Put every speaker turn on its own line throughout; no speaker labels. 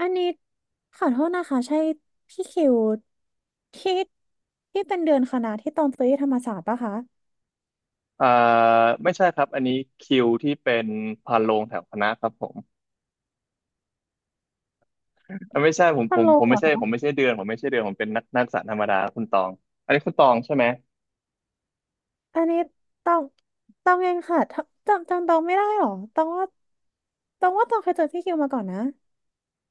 อันนี้ขอโทษนะคะใช่พี่คิวที่ที่เป็นเดือนคณะที่ต้องซื้อที่ธรรมศาสตร์ปะคะ
อ่าไม่ใช่ครับอันนี้คิวที่เป็นพานโรงแถวคณะครับผมอ่ะไม่ใช่ผม
ฮั
ผ
ล
ม
โหล
ผม
เหร
ไม่
อ
ใช่ผม
คะ
ไม่ใช่เดือนผมไม่ใช่เดือนผมเป็นนักศึกษาธรรมดาคุณตองอันนี้คุณตองใช่ไหม
อันนี้ต้องต้องเองค่ะถ้าจำต้องไม่ได้หรอต้องว่าต้องว่าต้องเคยเจอพี่คิวมาก่อนนะ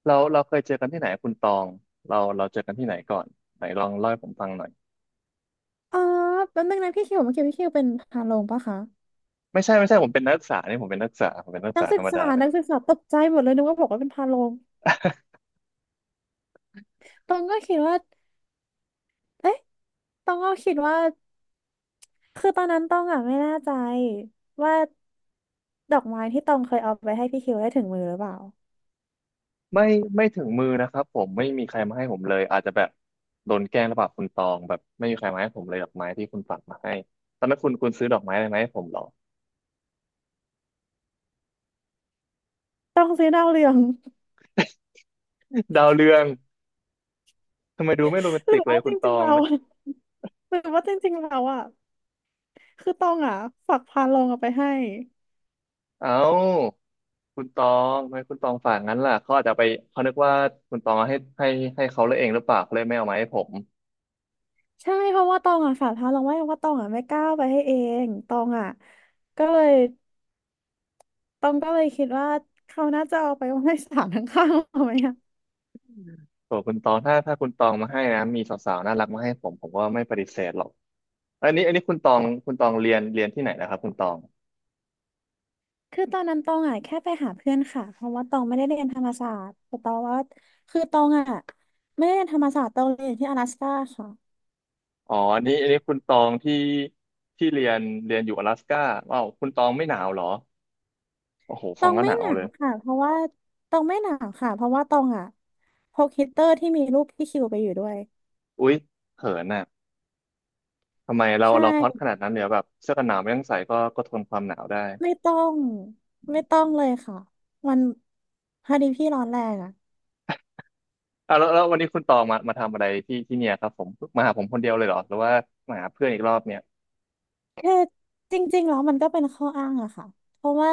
เราเคยเจอกันที่ไหนคุณตองเราเจอกันที่ไหนก่อนไหนลองเล่าให้ผมฟังหน่อย
อออแป๊บนึงนะพี่คิวเมื่อกี้พี่คิวเป็นพาโรงปะคะ
ไม่ใช่ผมเป็นนักศึกษานี่ผมเป็นนักศึกษาผมเป็นนักศึก
นัก
ษา
ศึ
ธร
ก
รมดา
ษานักศึกษาตกใจหมดเลยนึกว่าบอกว่าเป็นพาโรงตองก็คิดว่าเอ๊ะตองก็คิดว่า คือตอนนั้นต้องอ่ะไม่แน่ใจว่าดอกไม้ที่ตองเคยเอาไปให้พี่คิวได้ถึงมือหรือเปล่า
ไม่ไม่ถึงมือนะครับผมไม่มีใครมาให้ผมเลยอาจจะแบบโดนแกล้งหรือเปล่าคุณตองแบบไม่มีใครมาให้ผมเลยดอกไม้ที่คุณฝากมาให้ตอนนั้นคุณซื้อดอกไม้อะไรมาให้ผมเหรอ
ต้องซื้อดาวเรือง
ดาวเรือง ทำไมดูไม่โรแมน
หรื
ติ
อ
กเลย
ว่าจ
คุณต
ริง
อ
ๆ
ง
เรา หรือว่าจริงๆเราอ่ะคือตองอ่ะฝากพาลงเอาไปให้
เอ้าคุณตองทำไมคุณตองฝากงั้นล่ะเขาอาจจะไปเขานึกว่าคุณตองเอาให้ให้เขาเลยเองหรือเปล่าเขาเลยไม่เอามาให้ผม
ใช่เพราะว่าตองอ่ะฝากพาลงไว้เพราะว่าตองอ่ะไม่กล้าเอาไปให้เองตองอ่ะก็เลยตองก็เลยคิดว่าเขาน่าจะเอาไปไว้ ให้ศาลข้างๆเอาไหม
โอ้คุณตองถ้าคุณตองมาให้นะ มีสาวๆน่ารักมาให้ผม ผมก็ไม่ปฏิเสธหรอกอันนี้คุณตองเรียนที่ไหนนะครับคุณตอง
คือตอนนั้นตองอ่ะแค่ไปหาเพื่อนค่ะเพราะว่าตองไม่ได้เรียนธรรมศาสตร์แต่ตองว่าคือตองอ่ะไม่ได้เรียนธรรมศาสตร์ตองเรียนอยู่ที่阿拉斯ก้าค่ะ
อ๋ออันนี้คุณตองที่ที่เรียนเรียนอยู่อลาสก้าว้าวคุณตองไม่หนาวเหรอโอ้โห
ต
ฟั
อ
ง
ง
ก็ห
ไม่
นา
ห
ว
นา
เล
ว
ย
ค่ะเพราะว่าตองไม่หนาวค่ะเพราะว่าตองอ่ะพกฮีตเตอร์ที่มีรูปพี่คิวไปอยู่ด้วย
อุ๊ยเขินน่ะทำไมเรา
ใช
เราฮอตข
่
นาดนั้นเนี่ยแบบเสื้อกันหนาวไม่ต้องใส่ก็ทนความหนาวได้
ไม่ต้องไม่ต้องเลยค่ะมันพอดีพี่ร้อนแรงอ่ะ
อ่ะแล้ววันนี้คุณตองมาทำอะไรที่เนี่ยครับผมมาหาผมคนเดียวเลยเหรอหรือว่ามาหาเพื่อนอีกรอบเนี่ย
คือจริงๆแล้วมันก็เป็นข้ออ้างอะค่ะเพราะว่า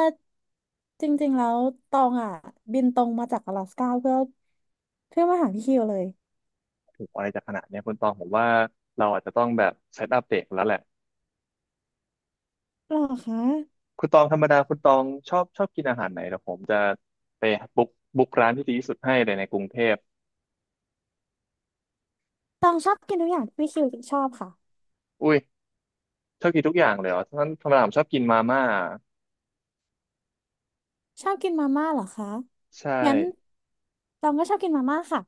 จริงๆแล้วตองอะบินตรงมาจากอลาสก้าเพื่อเพื่อมาหาพี่คิวเลย
โอ้โหอะไรจะขนาดเนี้ยคุณตองผมว่าเราอาจจะต้องแบบเซตอัปเดตแล้วแหละ
หรอคะ
คุณตองธรรมดาคุณตองชอบกินอาหารไหนเดี๋ยวผมจะไปบุ๊กบุ๊กร้านที่ดีที่สุดให้เลยในกรุงเทพ
ตองชอบกินทุกอย่างที่พี่คิวชอบค่ะ
อุ้ยชอบกินทุกอย่างเลยเหรอท่านธรรมดาผมชอบกินมาม่า
ชอบกินมาม่าเหรอคะ
ใช่
งั้นตองก็ชอบกินมาม่าค่ะ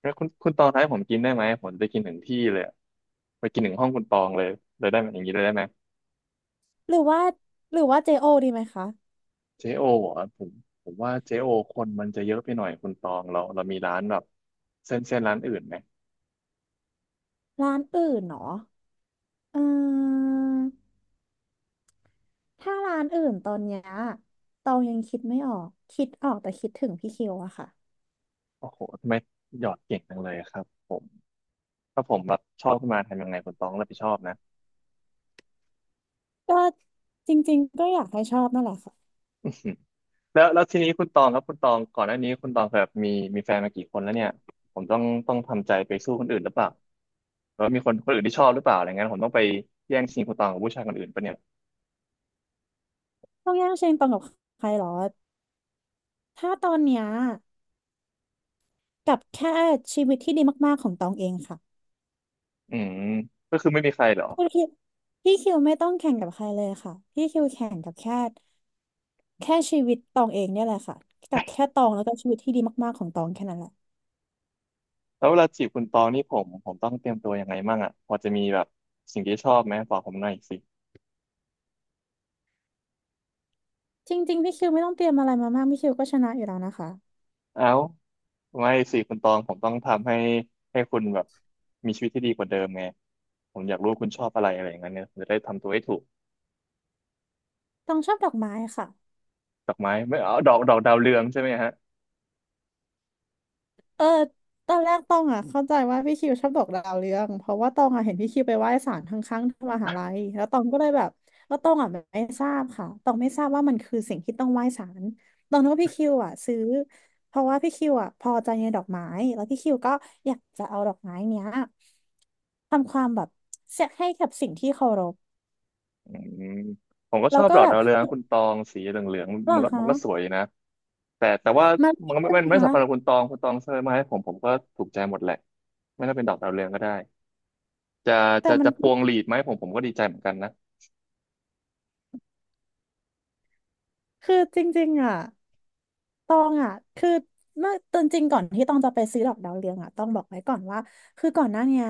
แล้วคุณตองท้ายผมกินได้ไหมผมจะไปกินถึงที่เลยอะไปกินถึงห้องคุณตองเลยเลยได้ไหมอย่างนี้เลยได้ไหม
หรือว่าหรือว่าเจโอดีไหมคะ
เจโอเหรอะผมผมว่าเจโอคนมันจะเยอะไปหน่อยคุณตองเราเรามีร้านแบบเส้นร้านอื่นไหม
ร้านอื่นเหรอเออถ้าร้านอื่นตอนเนี้ยตองยังคิดไม่ออกคิดออกแต่คิดถึงพี่คิวอะค่ะ
โอ้โหทำไมหยอดเก่งจังเลยครับผมถ้าผมแบบชอบขึ้นมาทำยังไงคุณตองรับผิดชอบนะ
ก็จริงๆก็อยากให้ชอบนั่นแหละค่ะ
แล้วทีนี้คุณตองครับคุณตองก่อนหน้านี้คุณตองเคยแบบมีมีแฟนมากี่คนแล้วเนี่ยผมต้องทำใจไปสู้คนอื่นหรือเปล่าแล้วามีคนอื่นที่ชอบหรือเปล่าอะไรเงี้ยผมต้องไปแย่งชิงคุณตองกับผู้ชายคนอื่นปะเนี่ย
ต้องแย่งชิงตองกับใครหรอถ้าตอนเนี้ยกับแค่ชีวิตที่ดีมากๆของตองเองค่ะ
อืมก็คือไม่มีใครเหรอ
คุณคิดพี่คิวไม่ต้องแข่งกับใครเลยค่ะพี่คิวแข่งกับแค่แค่ชีวิตตองเองเนี่ยแหละค่ะกับแค่ตองแล้วก็ชีวิตที่ดีมากๆของตองแค่นั้นแหละ
แล้วเวลาจีบคุณตองนี่ผมต้องเตรียมตัวยังไงมั่งอ่ะพอจะมีแบบสิ่งที่ชอบไหมบอกผมหน่อยสิ
จริงๆพี่คิวไม่ต้องเตรียมอะไรมามากพี่คิวก็ชนะอยู่แล้วนะคะ
เอ้าไม่สิคุณตองผมต้องทำให้ให้คุณแบบมีชีวิตที่ดีกว่าเดิมไงผมอยากรู้ว่าคุณชอบอะไรอะไรอย่างเงี้ยเนี่ยผมจะได้ทำตัวให้ถูก
ตองชอบดอกไม้ค่ะ
ดอกไม้ไม่เอาดอกดาวเรืองใช่ไหมฮะ
เออตอนแรกตองอ่ะเข้าใจว่าพี่คิวชอบดอกดาวเรืองเพราะว่าตองอ่ะเห็นพี่คิวไปไหว้ศาลข้างๆที่มหาลัยแล้วตองก็เลยแบบแล้วตองอ่ะไม่ทราบค่ะตองไม่ทราบว่ามันคือสิ่งที่ต้องไหว้ศาลตองนึกว่าพี่คิวอ่ะซื้อเพราะว่าพี่คิวอ่ะพอใจในดอกไม้แล้วพี่คิวก็อยากจะเอาดอกไม้เนี้ยทำความแบบเสียให้กับสิ่งที่เคารพ
อืมผมก็
แล้
ช
ว
อบ
ก็
ดอก
แบ
ดา
บ
วเรืองนะคุณตองสีเหลือง
หร
ๆ
อ
มันก็มั
คะ
นก็สวยดีนะแต่ว่า
มา
มั
ผิ
น
ด
ก็
ด้
ไม่
วย
ไม่
นะ
ไม่
คะ
สำคัญกับคุณตองคุณตองเสนอมาให้ผมผมก็ถูกใจหมดแหละไม่ต้องเป็นดอกดาวเรืองก็ได้ จะ
แต่
จะ
มัน
จะพวงหลีดไหมผมก็ดีใจเหมือนกันนะ
คือจริงๆอ่ะ ตองอ่ะคือเมื่อตอนจริงก่อนที่ตองจะไปซื้อดอกดาวเรืองอ่ะต้องบอกไว้ก่อนว่าคือก่อนหน้าเนี้ย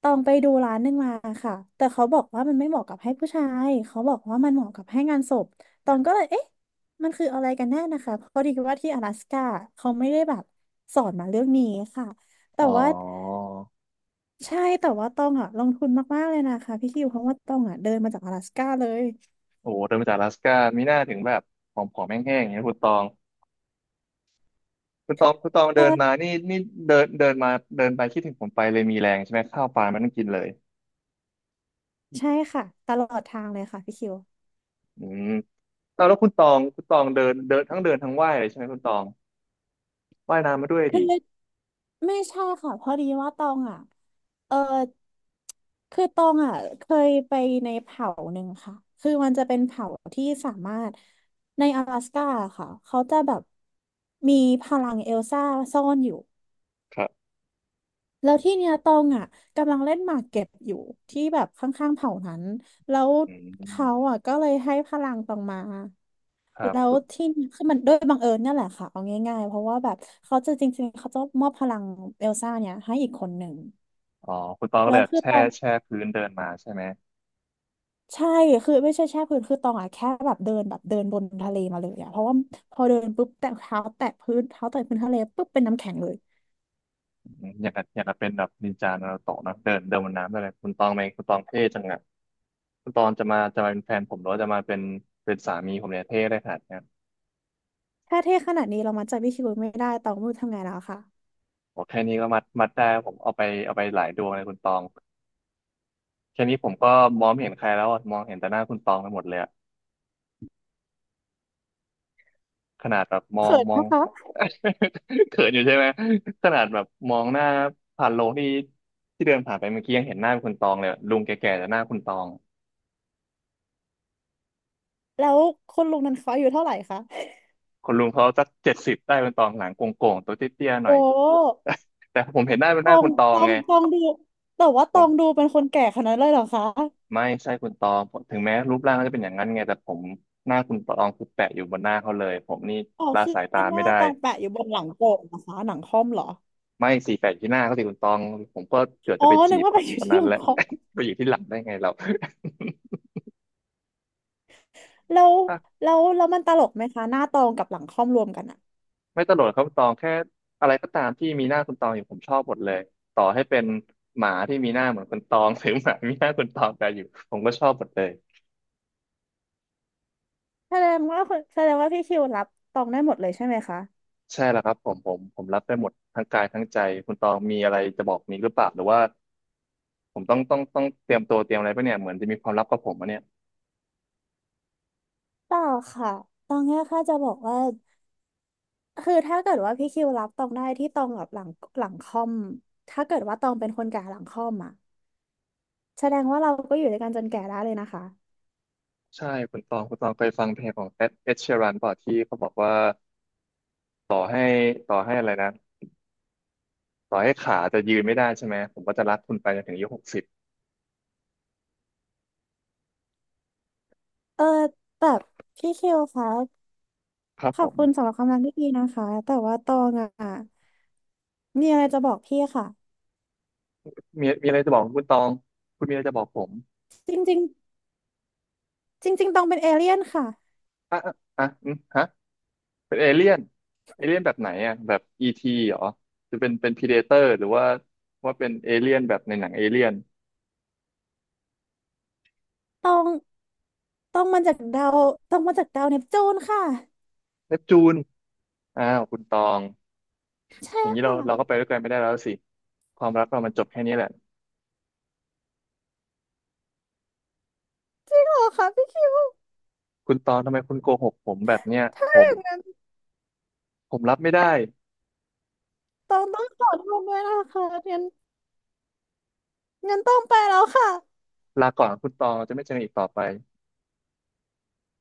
ตองไปดูร้านหนึงมาค่ะแต่เขาบอกว่ามันไม่เหมาะกับให้ผู้ชายเขาบอกว่ามันเหมาะกับให้งานศพตองก็เลยเอ๊ะมันคืออะไรกันแน่นะคะเพราะดีว่าที่阿拉斯ก้าเขาไม่ได้แบบสอนมาเรื่องนี้ค่ะแต่
อ๋อ
ว่าใช่แต่ว่าตองอ่ะลงทุนมากๆเลยนะคะพี่คิวเพราะว่าตองอ่ะเดินมาจาก阿拉斯ก้าเลย
โอ้โหเดินมาจากอลาสก้ามีหน้าถึงแบบผอมๆแห้งๆอย่างนี้ยคุณตองคุณตองเดินมา
เออ
นี่เดินเดินมาเดินไปคิดถึงผมไปเลยมีแรงใช่ไหมข้าวปลามันต้องกินเลย
ใช่ค่ะตลอดทางเลยค่ะพี่คิว
อืมแล้วคุณตองคุณตองเดินเดินทั้งเดินทั้งว่ายเลยใช่ไหมคุณตองว่ายน้ำมาด้วย
คือ
ดิ
ไม่ใช่ค่ะพอดีว่าตองอ่ะเออคือตองอ่ะเคยไปในเผ่าหนึ่งค่ะ คือมันจะเป็นเผ่าที่สามารถใน阿拉สก้าค่ะ เขาจะแบบมีพลังเอลซ่าซ่อนอยู่
ครับ
แล้วที่เนี้ยตองอ่ะกำลังเล่นหมากเก็บอยู่ที่แบบข้างๆเผ่านั้นแล้ว
อื
เขา
ม
อ่ะก็เลยให้พลังตองมา
ครั
แล้ว
บ
ที่นี่คือมันด้วยบังเอิญเนี่ยแหละค่ะเอาง่ายๆเพราะว่าแบบเขาจะจริงๆเขาจะมอบพลังเอลซ่าเนี่ยให้อีกคนหนึ่ง
อ๋อคุณตองก็เล
แล้
ย
ว
แบบ
คือ
แช่
ตอง
แช่พื้นเดินมาใช่ไหม
ใช่คือไม่ใช่แช่พื้นคือตองอะแค่แบบเดินแบบเดินบนทะเลมาเลยอะเพราะว่าพอเดินปุ๊บแตะเท้าแตะพื้นเท้าแตะพื้นทะเลปุ๊บเป็นน้ำแข็งเลย
อืมอย่างกับเป็นแบบนินจานารูโตะเนอะเดินเดินบนน้ำอะไรคุณตองไหมคุณตองเท่จังอะ ตอนจะมาเป็นแฟนผมหรือว่าจะมาเป็นเป็นสามีผมเนี่ยเท่ได้ขนาดเนี้ย
ถ้าเท่ขนาดนี้เรามาใจพี่คิวไม่ได้ตองไม่รู้ทำไงแล้วค่ะ
โอ้แค่นี้ก็มัดได้ผมเอาไปหลายดวงเลยคุณตองแค่นี้ผมก็มองไม่เห็นใครแล้วอะมองเห็นแต่หน้าคุณตองไปหมดเลยอะขนาดแบบมอง
เขิน
มอง
นะคะ
เขินอยู่ใช่ไหมขนาดแบบมองหน้าผ่านโลงที่เดินผ่านไปเมื่อกี้ยังเห็นหน้าคุณตองเลยอะลุงแก่ๆแต่หน้าคุณตอง
แล้วคนลุงนั้นเขาอายุเท่าไหร่คะ
คนลุงเขาสักเจ็ดสิบได้คุณตองหลังโก่งๆตัวเตี้ยๆหน่อย
โอ้
แต่ผมเห็นหน้าเป็น
ต
หน้า
อ
คุ
ง
ณตอ
ต
ง
อง
ไง
ตองดูแต่ว่าตองดูเป็นคนแก่ขนาดนั้นเลยเหรอคะ
ไม่ใช่คุณตองเพราะถึงแม้รูปร่างเขาจะเป็นอย่างนั้นไงแต่ผมหน้าคุณตองคือแปะอยู่บนหน้าเขาเลยผมนี่
อ๋อ
ละ
คือ
สายตา
ห
ไม่
น้า
ได้
ตองแปะอยู่บนหลังโก่นะคะหนังค่อมเหรอ
ไม่สี่แปะที่หน้าเขาสิคุณตองผมก็เกือบ
อ๋
จะ
อ
ไปจี
นึก
บ
ว่าแปะอยู่
คน
ที่
นั้
ห
น
ลั
แห
ง
ละ
คอม
ไปอยู่ที่หลังได้ไงเรา
แล้ว
อ่ะ
แล้วมันตลกไหมคะหน้าตองกับหลังค่อมรวมกันอะ
ไม่ตลกหกครับคุณตองแค่อะไรก็ตามที่มีหน้าคุณตองอยู่ผมชอบหมดเลยต่อให้เป็นหมาที่มีหน้าเหมือนคุณตอง หรือหมามีหน้าคุณตองแต่อยู่ผมก็ชอบหมดเลย
แสดงว่าคุณแสดงว่าพี่คิวรับตองได้หมดเลยใช่ไหมคะ
ใช่แล้วครับผมรับได้หมดทั้งกายทั้งใจคุณตองมีอะไรจะบอกนี้หรือเปล่าหรือว่า ผมต้องเตรียมตัวเตรียมอะไรปะเนี่ยเหมือนจะมีความลับกับผมอะเนี่ย
เปล่าค่ะตองเนี่ยค่ะจะบอกว่าคือถ้าเกิดว่าพี่คิวรับตองได้ที่ตองกับหลังหลังคอมถ้าเกิดว่าตองเป็นคนแก่หลังคอมอะแสดงว่าเราก็อยู่ด้วยกันจนแก่ได้เลยนะคะ
ใช่คุณตองคุณตองเคยฟังเพลงของเอ็ดเอ็เชยรันป่ะที่เขาบอกว่าต่อให้ต่อให้อะไรนะต่อให้ขาจะยืนไม่ได้ใช่ไหมผมก็จะรักคุณไปจนถึงอายุหกสิบ
เออแบบพี่คิวคะ
ครับ
ข
ผ
อบ
ม
คุณสำหรับคำแนะนำที่ดีนะคะแต่ว่าตองอะมีอะไรจะบอกพี่ค่ะ
มีอะไรจะบอกคุณตองคุณมีอะไรจะบอกผม
จริงๆจริงๆตองเป็นเอเลี่ยนค่ะ
อ่ะอ่ะอ่ะอืมฮะเป็นเอเลี่ยนเอเลี่ยนแบบไหนอ่ะแบบอีทีเหรอจะเป็นพรีเดเตอร์หรือว่าเป็นเอเลี่ยนแบบในหนังเอเลี่ยน
ต้องต้องมาจากดาวต้องมาจากดาวเนปจูนค่ะ
เนปจูนอ้าวคุณตอง
ใช่
อย่างนี้เรา
ค่ะ
เราก็ไปด้วยกันไม่ได้แล้วสิความรักเรามันจบแค่นี้แหละ
จริงเหรอคะพี่คิว
คุณตองทำไมคุณโกหกผมแบบเนี้ย
ถ้า
ผม
อย่างนั้น
ผมรับไม่ได้
ต้องขอโทษด้วยนะคะงั้นงั้นต้องไปแล้วค่ะ
ลาก่อนคุณตองจะไม่เจอกันอีกต่อไป